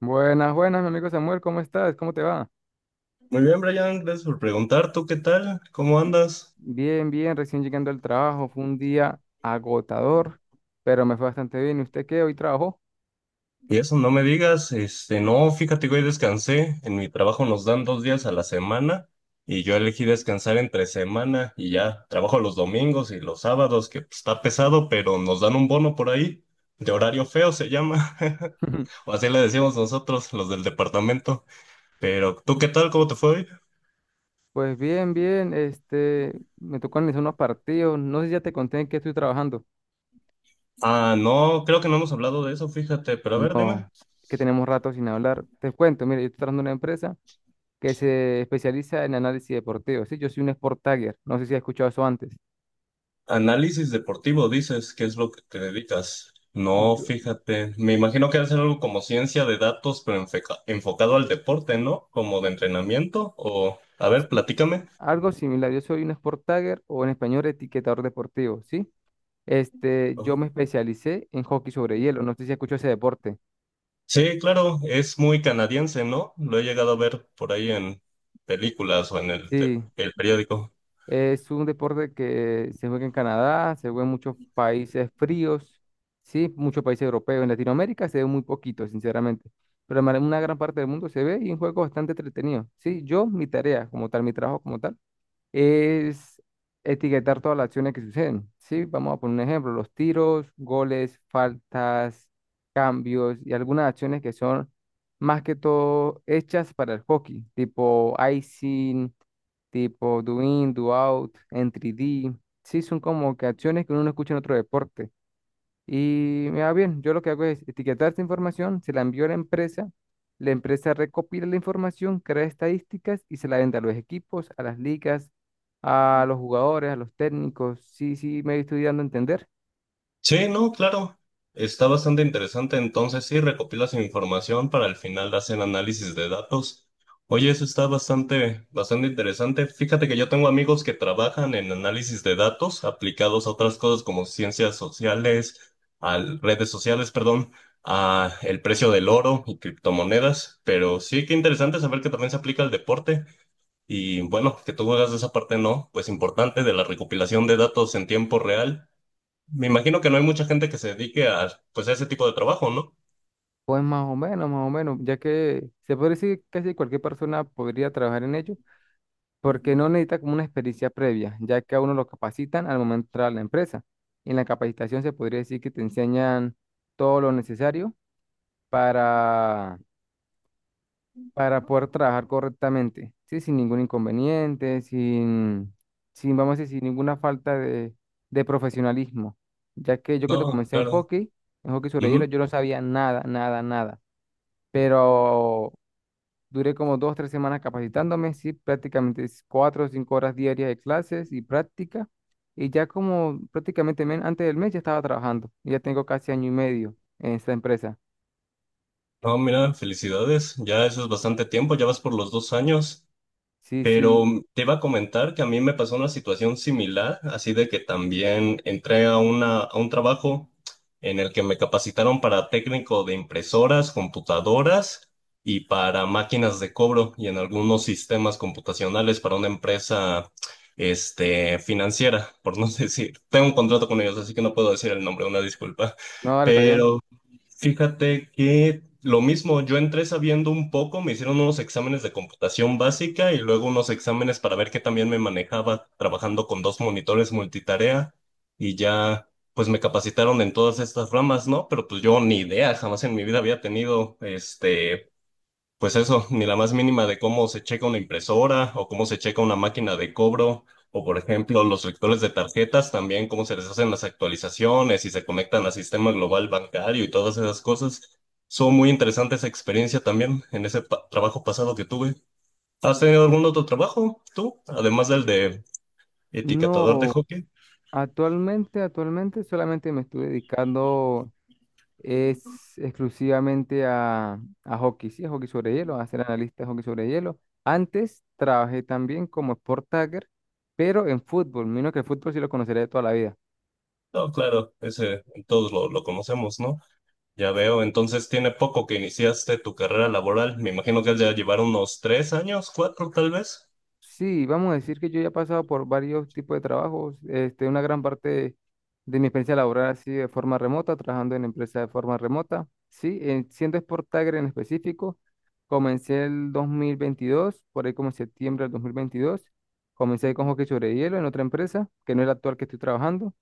Buenas, buenas, mi amigo Samuel, ¿cómo estás? ¿Cómo te va? Muy bien, Brian, gracias por preguntar. ¿Tú qué tal? ¿Cómo andas? Bien, bien, recién llegando al trabajo, fue un día agotador, pero me fue bastante bien. ¿Y usted qué? ¿Hoy trabajó? Y eso, no me digas, no, fíjate que hoy descansé. En mi trabajo nos dan 2 días a la semana y yo elegí descansar entre semana y ya trabajo los domingos y los sábados, que pues, está pesado, pero nos dan un bono por ahí, de horario feo se llama, o así le decimos nosotros, los del departamento. Pero, ¿tú qué tal? ¿Cómo te fue hoy? Pues bien, bien, este, me tocó analizar unos partidos, no sé si ya te conté en qué estoy trabajando. Ah, no, creo que no hemos hablado de eso, fíjate, pero a ver, dime. No, es que tenemos rato sin hablar. Te cuento, mire, yo estoy trabajando en una empresa que se especializa en análisis deportivo. Sí, yo soy un Sport Tagger, no sé si has escuchado eso antes. Análisis deportivo, dices, ¿qué es lo que te dedicas? No, Yo- fíjate, me imagino que debe ser algo como ciencia de datos, pero enfocado al deporte, ¿no? Como de entrenamiento, o a ver, sí, platícame. algo similar, yo soy un Sport Tagger o en español etiquetador deportivo, ¿sí? Este, Ajá. yo me especialicé en hockey sobre hielo. No sé si escucho ese deporte. Sí, claro, es muy canadiense, ¿no? Lo he llegado a ver por ahí en películas o en Sí, el periódico. es un deporte que se juega en Canadá, se juega en muchos países fríos, sí, muchos países europeos. En Latinoamérica se ve muy poquito, sinceramente. Pero en una gran parte del mundo se ve y es un juego bastante entretenido. Sí, yo, mi tarea como tal, mi trabajo como tal, es etiquetar todas las acciones que suceden. Sí, vamos a poner un ejemplo, los tiros, goles, faltas, cambios y algunas acciones que son más que todo hechas para el hockey, tipo icing, tipo do in, do out, entry D. Sí, son como que acciones que uno no escucha en otro deporte. Y me va bien, yo lo que hago es etiquetar esta información, se la envío a la empresa recopila la información, crea estadísticas y se la vende a los equipos, a las ligas, a los jugadores, a los técnicos. Sí, sí, me estoy dando a entender. Sí, no, claro. Está bastante interesante. Entonces, sí, recopilas información para al final hacer análisis de datos. Oye, eso está bastante, bastante interesante. Fíjate que yo tengo amigos que trabajan en análisis de datos aplicados a otras cosas como ciencias sociales, a redes sociales, perdón, a el precio del oro y criptomonedas. Pero sí, qué interesante saber que también se aplica al deporte. Y bueno, que tú hagas esa parte, ¿no? Pues importante de la recopilación de datos en tiempo real me imagino que no hay mucha gente que se dedique a, pues, a ese tipo de trabajo, ¿no? Pues más o menos, ya que se puede decir que casi cualquier persona podría trabajar en ello, porque no necesita como una experiencia previa, ya que a uno lo capacitan al momento de entrar a la empresa. En la capacitación se podría decir que te enseñan todo lo necesario para para poder trabajar correctamente, ¿sí? Sin ningún inconveniente, sin vamos a decir, sin ninguna falta de profesionalismo, ya que yo cuando No, comencé claro. En hockey sobre hielo, Ujú. yo no sabía nada, nada, nada, pero duré como dos, tres semanas capacitándome. Sí, prácticamente es cuatro o cinco horas diarias de clases y práctica, y ya como prácticamente antes del mes ya estaba trabajando, y ya tengo casi año y medio en esta empresa. No, mira, felicidades. Ya eso es bastante tiempo, ya vas por los 2 años. Sí, sí, Pero te iba a comentar que a mí me pasó una situación similar, así de que también entré a un trabajo en el que me capacitaron para técnico de impresoras, computadoras y para máquinas de cobro y en algunos sistemas computacionales para una empresa financiera, por no decir. Tengo un contrato con ellos, así que no puedo decir el nombre, una disculpa. no, ahora está bien. Pero fíjate que lo mismo, yo entré sabiendo un poco, me hicieron unos exámenes de computación básica y luego unos exámenes para ver qué también me manejaba trabajando con dos monitores multitarea y ya pues me capacitaron en todas estas ramas, ¿no? Pero pues yo ni idea, jamás en mi vida había tenido pues eso, ni la más mínima de cómo se checa una impresora o cómo se checa una máquina de cobro o, por ejemplo, los lectores de tarjetas también, cómo se les hacen las actualizaciones y se conectan al sistema global bancario y todas esas cosas. Son muy interesantes esa experiencia también en ese trabajo pasado que tuve. ¿Has tenido algún otro trabajo tú? Además del de etiquetador de No, hockey. actualmente solamente me estoy dedicando es exclusivamente a hockey, sí, a hockey sobre hielo, a ser analista de hockey sobre hielo. Antes trabajé también como sport tagger, pero en fútbol, menos que el fútbol sí lo conoceré de toda la vida. No, claro, ese todos lo conocemos, ¿no? Ya veo, entonces tiene poco que iniciaste tu carrera laboral. Me imagino que has ya llevar unos 3 años, cuatro tal vez. Sí, vamos a decir que yo ya he pasado por varios tipos de trabajos. Este, una gran parte de, mi experiencia laboral ha sido de forma remota, trabajando en empresas de forma remota. Sí, siendo Sport Tiger en específico, comencé el 2022, por ahí como en septiembre del 2022. Comencé con hockey sobre hielo en otra empresa, que no es la actual que estoy trabajando.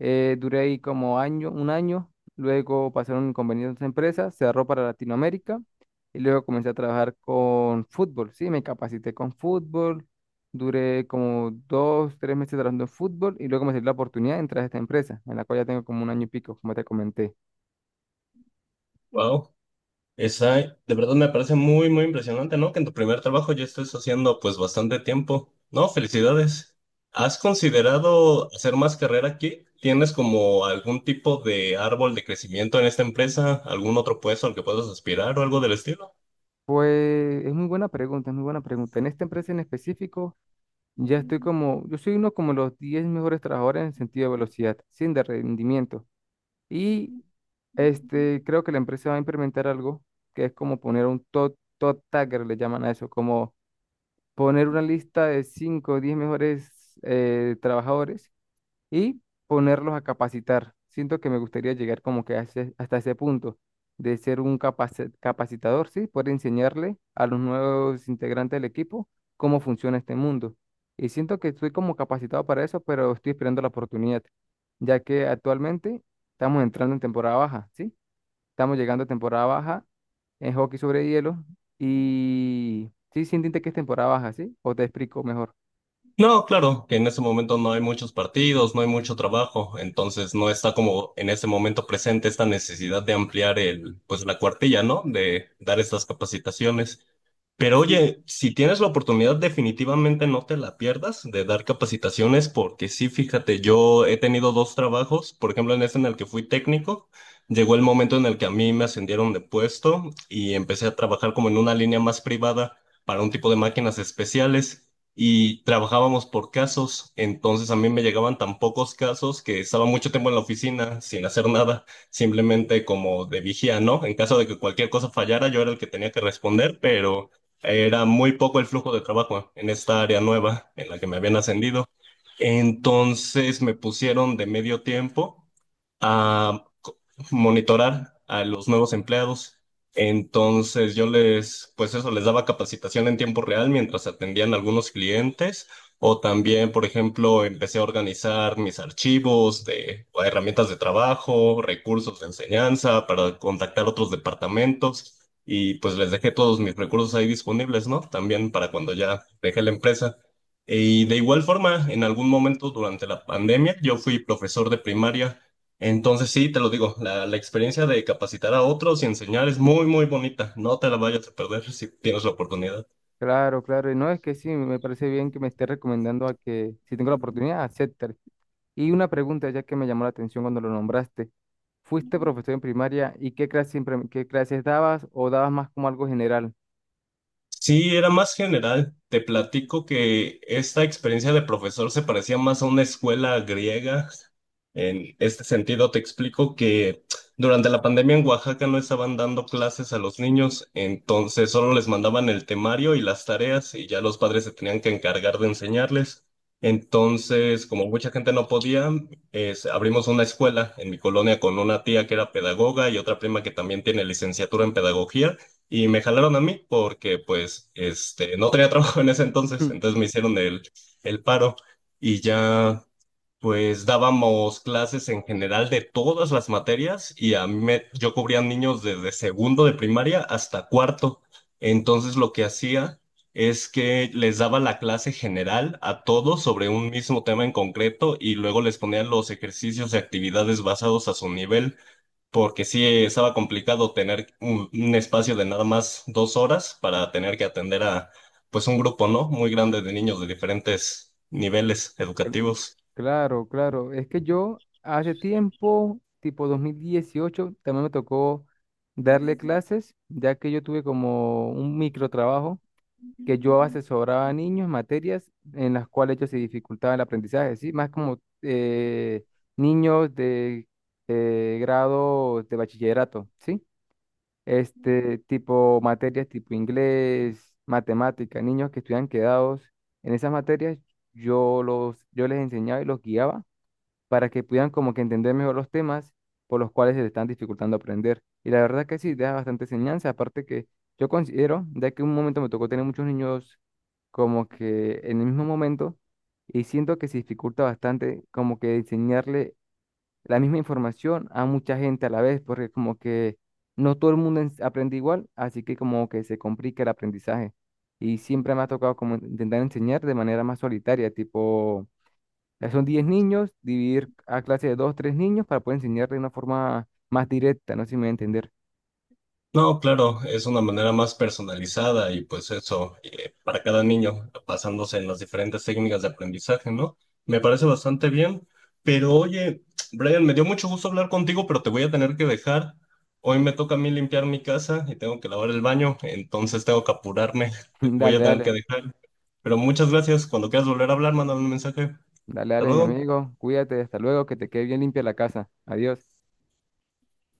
Duré ahí como año, un año, luego pasaron inconvenientes en otra empresa, cerró para Latinoamérica y luego comencé a trabajar con fútbol, sí, me capacité con fútbol, duré como dos, tres meses trabajando en fútbol y luego me salió la oportunidad de entrar a esta empresa, en la cual ya tengo como un año y pico, como te comenté. Wow. Esa, de verdad me parece muy, muy impresionante, ¿no? Que en tu primer trabajo ya estés haciendo pues bastante tiempo. No, felicidades. ¿Has considerado hacer más carrera aquí? ¿Tienes como algún tipo de árbol de crecimiento en esta empresa? ¿Algún otro puesto al que puedas aspirar o algo del estilo? Pues es muy buena pregunta, es muy buena pregunta. En esta empresa en específico, ya estoy como, yo soy uno como los 10 mejores trabajadores en sentido de velocidad, sin de rendimiento. Y este, creo que la empresa va a implementar algo que es como poner un top, top tagger, le llaman a eso, como poner una lista de 5 o 10 mejores trabajadores y ponerlos a capacitar. Siento que me gustaría llegar como que hasta ese punto de ser un capacitador, ¿sí? Poder enseñarle a los nuevos integrantes del equipo cómo funciona este mundo. Y siento que estoy como capacitado para eso, pero estoy esperando la oportunidad, ya que actualmente estamos entrando en temporada baja, ¿sí? Estamos llegando a temporada baja en hockey sobre hielo. Y sí, sí entiende que es temporada baja, ¿sí? O te explico mejor. No, claro, que en ese momento no hay muchos partidos, no hay mucho trabajo, entonces no está como en ese momento presente esta necesidad de ampliar pues la cuartilla, ¿no? De dar estas capacitaciones. Pero Sí, oye, si tienes la oportunidad, definitivamente no te la pierdas de dar capacitaciones, porque sí, fíjate, yo he tenido dos trabajos, por ejemplo, en este en el que fui técnico, llegó el momento en el que a mí me ascendieron de puesto y empecé a trabajar como en una línea más privada para un tipo de máquinas especiales y trabajábamos por casos, entonces a mí me llegaban tan pocos casos que estaba mucho tiempo en la oficina sin hacer nada simplemente como de vigía, ¿no? En caso de que cualquier cosa fallara, yo era el que tenía que responder, pero era muy poco el flujo de trabajo en esta área nueva en la que me habían ascendido. Entonces me pusieron de medio tiempo a monitorar a los nuevos empleados. Entonces pues eso, les daba capacitación en tiempo real mientras atendían algunos clientes o también, por ejemplo, empecé a organizar mis archivos de o herramientas de trabajo, recursos de enseñanza para contactar otros departamentos y pues les dejé todos mis recursos ahí disponibles, ¿no? También para cuando ya dejé la empresa. Y de igual forma, en algún momento durante la pandemia, yo fui profesor de primaria. Entonces, sí, te lo digo, la experiencia de capacitar a otros y enseñar es muy, muy bonita. No te la vayas a perder si tienes la oportunidad. claro, claro. Y no es que sí, me parece bien que me esté recomendando a que, si tengo la oportunidad, aceptar. Y una pregunta ya que me llamó la atención cuando lo nombraste. ¿Fuiste profesor en primaria y qué clases dabas o dabas más como algo general? Sí, era más general. Te platico que esta experiencia de profesor se parecía más a una escuela griega. En este sentido, te explico que durante la pandemia en Oaxaca no estaban dando clases a los niños, entonces solo les mandaban el temario y las tareas y ya los padres se tenían que encargar de enseñarles. Entonces, como mucha gente no podía, abrimos una escuela en mi colonia con una tía que era pedagoga y otra prima que también tiene licenciatura en pedagogía y me jalaron a mí porque pues no tenía trabajo en ese entonces, entonces me hicieron el paro y ya pues dábamos clases en general de todas las materias y yo cubría niños desde segundo de primaria hasta cuarto. Entonces lo que hacía es que les daba la clase general a todos sobre un mismo tema en concreto y luego les ponían los ejercicios y actividades basados a su nivel, porque sí estaba complicado tener un espacio de nada más 2 horas para tener que atender a pues un grupo, ¿no? Muy grande de niños de diferentes niveles educativos. Claro, claro. Es que yo hace tiempo, tipo 2018 también me tocó darle clases, ya que yo tuve como un microtrabajo que yo asesoraba a niños en materias en las cuales ellos se dificultaba el aprendizaje, ¿sí? Más como niños de grado de bachillerato, ¿sí? Este tipo materias tipo inglés, matemática, niños que estuvieran quedados en esas materias, yo los, yo les enseñaba y los guiaba para que puedan como que entender mejor los temas por los cuales se le están dificultando aprender. Y la verdad que sí, deja bastante enseñanza, aparte que yo considero, ya que un momento me tocó tener muchos niños como que en el mismo momento, y siento que se dificulta bastante como que enseñarle la misma información a mucha gente a la vez, porque como que no todo el mundo aprende igual, así que como que se complica el aprendizaje. Y siempre me ha tocado como intentar enseñar de manera más solitaria, tipo ya son 10 niños, dividir a clase de 2 3 niños para poder enseñar de una forma más directa, no sé si me voy a entender. No, claro, es una manera más personalizada y pues eso, para cada niño, basándose en las diferentes técnicas de aprendizaje, ¿no? Me parece bastante bien, pero oye, Brian, me dio mucho gusto hablar contigo, pero te voy a tener que dejar. Hoy me toca a mí limpiar mi casa y tengo que lavar el baño, entonces tengo que apurarme. Te voy Dale, a tener que dale, dejar. Pero muchas gracias, cuando quieras volver a hablar, mándame un mensaje. dale, Hasta dale, mi luego. amigo, cuídate, hasta luego, que te quede bien limpia la casa. Adiós.